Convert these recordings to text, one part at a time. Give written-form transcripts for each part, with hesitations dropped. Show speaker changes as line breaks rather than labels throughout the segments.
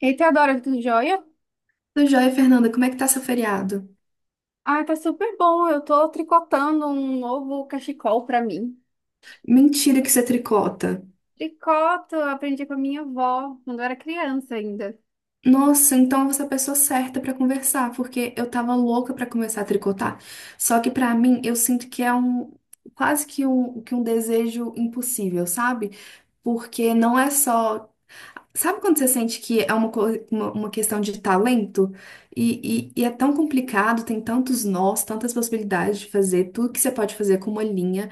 Eita, adora tudo jóia?
Tudo jóia, Fernanda? Como é que tá seu feriado?
Ah, tá super bom. Eu tô tricotando um novo cachecol pra mim.
Mentira que você tricota.
Tricoto, eu aprendi com a minha avó quando eu era criança ainda.
Nossa, então você é a pessoa certa pra conversar, porque eu tava louca pra começar a tricotar. Só que pra mim, eu sinto que é um quase que um desejo impossível, sabe? Porque não é só. Sabe quando você sente que é uma, uma questão de talento? E é tão complicado, tem tantos nós, tantas possibilidades de fazer, tudo que você pode fazer com uma linha.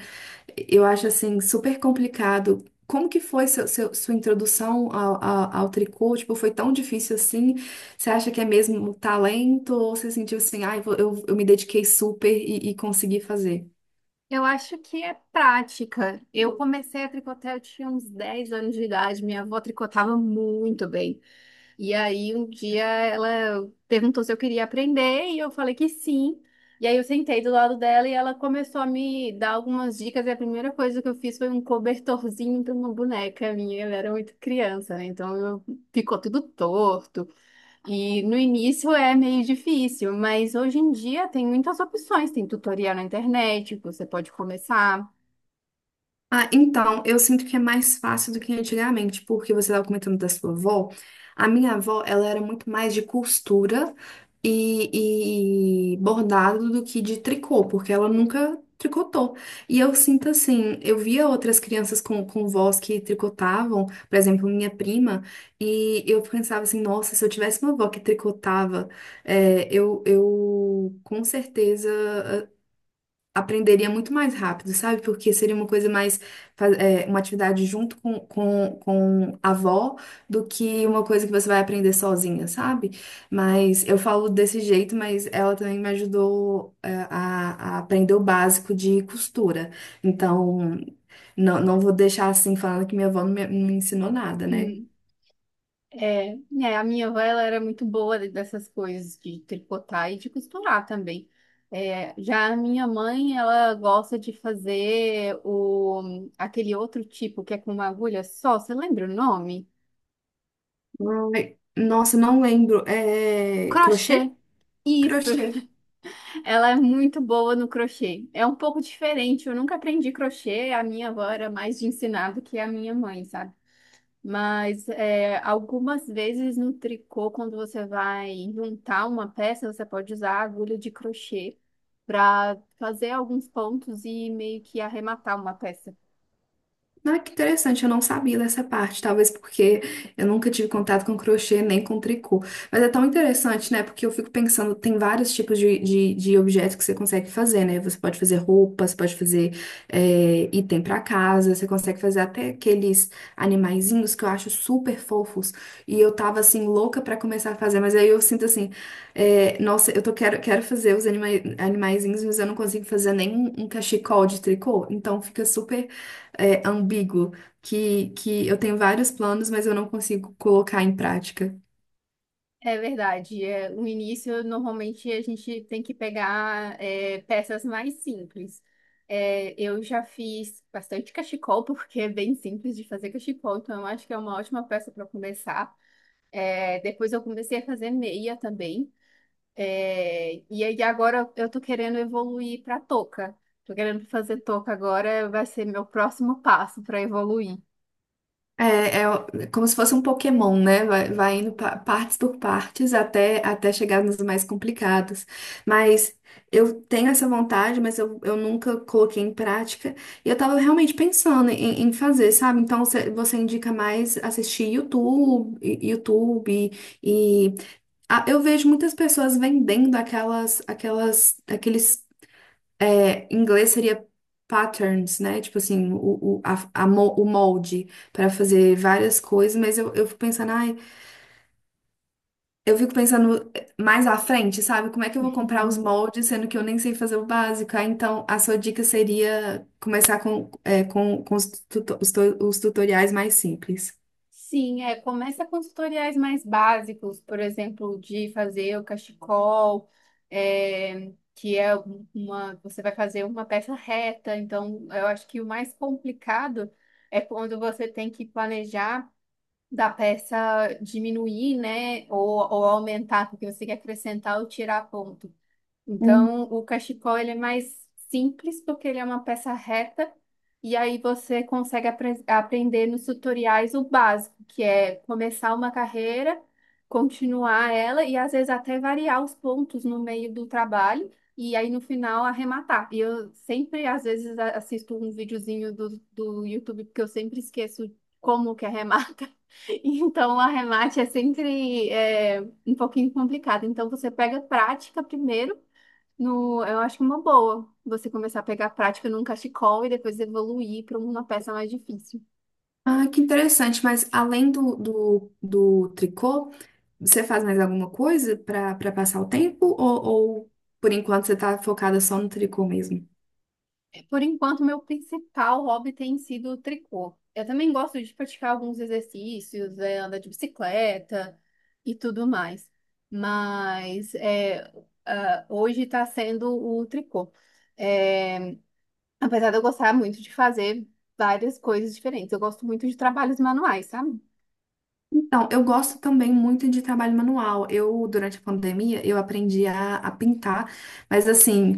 Eu acho assim super complicado. Como que foi seu, sua introdução ao tricô? Tipo, foi tão difícil assim? Você acha que é mesmo um talento? Ou você sentiu assim, ah, eu me dediquei super e consegui fazer?
Eu acho que é prática. Eu comecei a tricotar, eu tinha uns 10 anos de idade. Minha avó tricotava muito bem. E aí um dia ela perguntou se eu queria aprender e eu falei que sim. E aí eu sentei do lado dela e ela começou a me dar algumas dicas e a primeira coisa que eu fiz foi um cobertorzinho para uma boneca minha. Ela era muito criança, né? Então ficou tudo torto. E no início é meio difícil, mas hoje em dia tem muitas opções, tem tutorial na internet, que você pode começar.
Ah, então, eu sinto que é mais fácil do que antigamente, porque você estava comentando da sua avó. A minha avó, ela era muito mais de costura e bordado do que de tricô, porque ela nunca tricotou. E eu sinto assim, eu via outras crianças com vós que tricotavam, por exemplo, minha prima, e eu pensava assim, nossa, se eu tivesse uma avó que tricotava, eu com certeza aprenderia muito mais rápido, sabe? Porque seria uma coisa mais, uma atividade junto com a avó do que uma coisa que você vai aprender sozinha, sabe? Mas eu falo desse jeito, mas ela também me ajudou, é, a aprender o básico de costura. Então, não vou deixar assim falando que minha avó não me, não me ensinou nada, né?
É, né, a minha avó ela era muito boa dessas coisas de tricotar e de costurar também. É, já a minha mãe, ela gosta de fazer o, aquele outro tipo que é com uma agulha só, você lembra o nome?
Ai, nossa, não lembro. É
Crochê.
crochê?
Isso.
Crochê.
Ela é muito boa no crochê. É um pouco diferente, eu nunca aprendi crochê, a minha avó era mais de ensinar do que a minha mãe, sabe? Mas é, algumas vezes no tricô, quando você vai juntar uma peça, você pode usar a agulha de crochê para fazer alguns pontos e meio que arrematar uma peça.
Ah, que interessante, eu não sabia dessa parte, talvez porque eu nunca tive contato com crochê nem com tricô. Mas é tão interessante, né? Porque eu fico pensando, tem vários tipos de objetos que você consegue fazer, né? Você pode fazer roupa, você pode fazer item pra casa, você consegue fazer até aqueles animaizinhos que eu acho super fofos. E eu tava assim, louca pra começar a fazer, mas aí eu sinto assim, é, nossa, eu tô, quero, quero fazer animaizinhos, mas eu não consigo fazer nem um cachecol de tricô, então fica super ambíguo, que eu tenho vários planos, mas eu não consigo colocar em prática.
É verdade. É, no início, normalmente a gente tem que pegar é, peças mais simples. É, eu já fiz bastante cachecol, porque é bem simples de fazer cachecol, então eu acho que é uma ótima peça para começar. É, depois eu comecei a fazer meia também. É, e aí agora eu tô querendo evoluir para touca. Tô querendo fazer touca agora, vai ser meu próximo passo para evoluir.
É, é como se fosse um Pokémon, né? Vai, vai indo partes por partes até chegar nos mais complicados. Mas eu tenho essa vontade, mas eu nunca coloquei em prática. E eu tava realmente pensando em, em fazer, sabe? Então você, você indica mais assistir YouTube e- ah, eu vejo muitas pessoas vendendo aquelas, aquelas, aqueles é, em inglês seria patterns, né? Tipo assim, o, a mo- o molde para fazer várias coisas, mas eu fico pensando, ai, eu fico pensando mais à frente, sabe? Como é que eu vou comprar os moldes, sendo que eu nem sei fazer o básico? Ah, então, a sua dica seria começar com, é, com os, os tutoriais mais simples.
Sim, é, começa com tutoriais mais básicos, por exemplo, de fazer o cachecol, é, que é uma, você vai fazer uma peça reta, então eu acho que o mais complicado é quando você tem que planejar da peça diminuir, né, ou aumentar, porque você quer acrescentar ou tirar ponto.
Hum.
Então, o cachecol ele é mais simples porque ele é uma peça reta e aí você consegue aprender nos tutoriais o básico, que é começar uma carreira, continuar ela e às vezes até variar os pontos no meio do trabalho e aí no final arrematar. E eu sempre, às vezes, assisto um videozinho do YouTube porque eu sempre esqueço como que arremata. Então, o arremate é sempre é, um pouquinho complicado. Então, você pega prática primeiro no, eu acho uma boa você começar a pegar prática num cachecol e depois evoluir para uma peça mais difícil.
Ah, que interessante, mas além do tricô, você faz mais alguma coisa para para passar o tempo ou por enquanto você está focada só no tricô mesmo?
Por enquanto, meu principal hobby tem sido o tricô. Eu também gosto de praticar alguns exercícios, é, andar de bicicleta e tudo mais. Mas é, ah, hoje está sendo o tricô. É, apesar de eu gostar muito de fazer várias coisas diferentes, eu gosto muito de trabalhos manuais, sabe?
Então, eu gosto também muito de trabalho manual. Eu, durante a pandemia, eu aprendi a pintar, mas assim,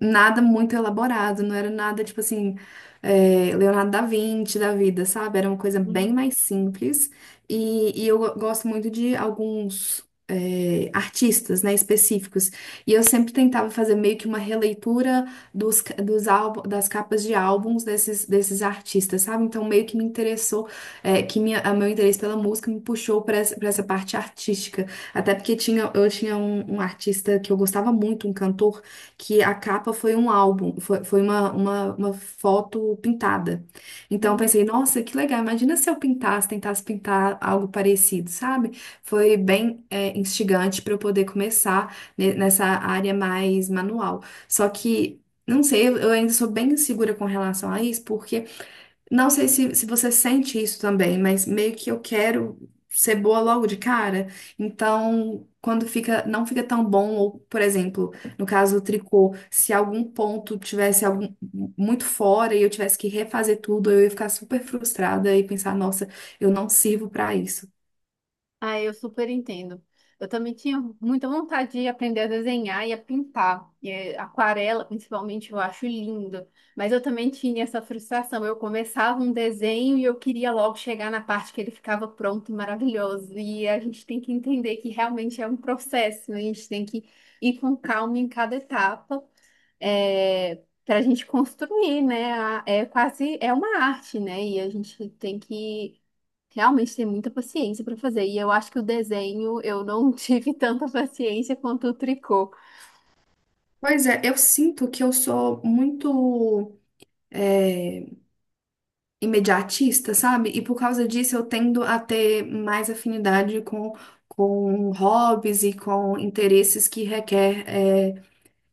nada muito elaborado, não era nada tipo assim, é, Leonardo da Vinci da vida, sabe? Era uma coisa bem mais simples. E, gosto muito de alguns. É, artistas, né, específicos. E eu sempre tentava fazer meio que uma releitura dos álbum, das capas de álbuns desses artistas, sabe? Então meio que me interessou, é, que minha, a meu interesse pela música me puxou para essa parte artística. Até porque tinha, eu tinha um artista que eu gostava muito, um cantor que a capa foi um álbum, foi, foi uma foto pintada. Então eu
Uhum.
pensei, nossa, que legal, imagina se eu pintasse, tentasse pintar algo parecido, sabe? Foi bem, é, instigante para eu poder começar nessa área mais manual. Só que. Não sei, eu ainda sou bem insegura com relação a isso, porque não sei se você sente isso também, mas meio que eu quero ser boa logo de cara. Então, quando fica, não fica tão bom, ou, por exemplo, no caso do tricô, se algum ponto tivesse algum muito fora e eu tivesse que refazer tudo, eu ia ficar super frustrada e pensar, nossa, eu não sirvo pra isso.
Ah, eu super entendo. Eu também tinha muita vontade de aprender a desenhar e a pintar. E aquarela, principalmente, eu acho lindo. Mas eu também tinha essa frustração. Eu começava um desenho e eu queria logo chegar na parte que ele ficava pronto e maravilhoso. E a gente tem que entender que realmente é um processo, né? A gente tem que ir com calma em cada etapa, para a gente construir, né? É quase, é uma arte, né? E a gente tem que realmente tem muita paciência para fazer. E eu acho que o desenho eu não tive tanta paciência quanto o tricô.
Pois é, eu sinto que eu sou muito eh, imediatista, sabe? E por causa disso eu tendo a ter mais afinidade com hobbies e com interesses que requer eh,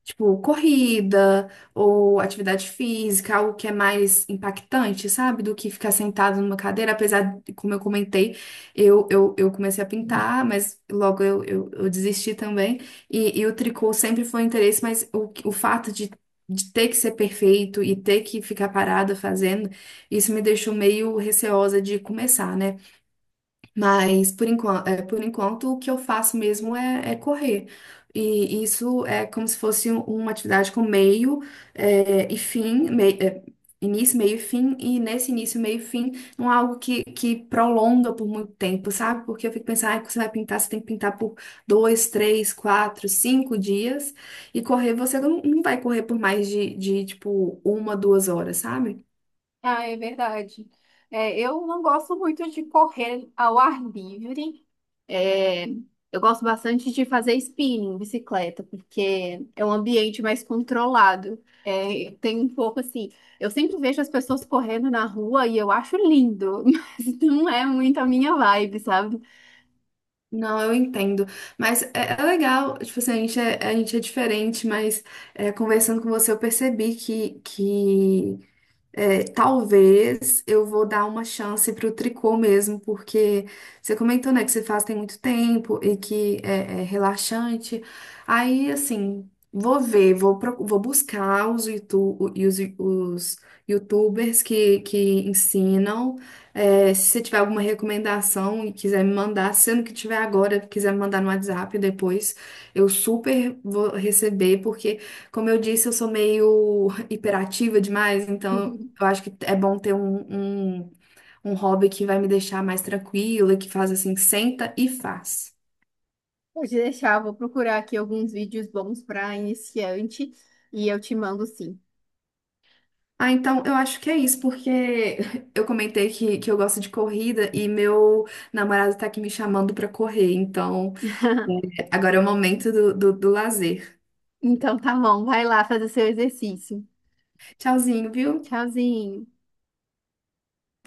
tipo, corrida ou atividade física, algo que é mais impactante, sabe? Do que ficar sentado numa cadeira. Apesar, de, como eu comentei, eu comecei a pintar, mas logo eu desisti também. E o tricô sempre foi um interesse, mas o fato de ter que ser perfeito e ter que ficar parada fazendo, isso me deixou meio receosa de começar, né? Mas por enquanto o que eu faço mesmo é, é correr. E isso é como se fosse uma atividade com meio e fim, início, meio e fim, e nesse início, meio e fim, não é algo que prolonga por muito tempo, sabe? Porque eu fico pensando, ah, você vai pintar, você tem que pintar por dois, três, quatro, cinco dias, e correr você não, não vai correr por mais de tipo uma, duas horas, sabe?
Ah, é verdade. É, eu não gosto muito de correr ao ar livre. É, eu gosto bastante de fazer spinning, bicicleta, porque é um ambiente mais controlado. É, tem um pouco assim. Eu sempre vejo as pessoas correndo na rua e eu acho lindo, mas não é muito a minha vibe, sabe?
Não, eu entendo. Mas é, é legal, tipo assim, a gente é diferente, mas é, conversando com você eu percebi que é, talvez eu vou dar uma chance pro tricô mesmo, porque você comentou, né, que você faz tem muito tempo e que é, é relaxante. Aí, assim, vou ver, vou, vou buscar os, os YouTubers que ensinam. É, se você tiver alguma recomendação e quiser me mandar, sendo que tiver agora, quiser me mandar no WhatsApp depois, eu super vou receber, porque, como eu disse, eu sou meio hiperativa demais, então eu acho que é bom ter um hobby que vai me deixar mais tranquila, que faz assim, senta e faz.
Pode deixar, eu vou procurar aqui alguns vídeos bons para iniciante e eu te mando sim.
Ah, então eu acho que é isso, porque eu comentei que eu gosto de corrida e meu namorado tá aqui me chamando pra correr, então agora é o momento do lazer.
Então tá bom, vai lá fazer seu exercício.
Tchauzinho, viu?
Tchauzinho.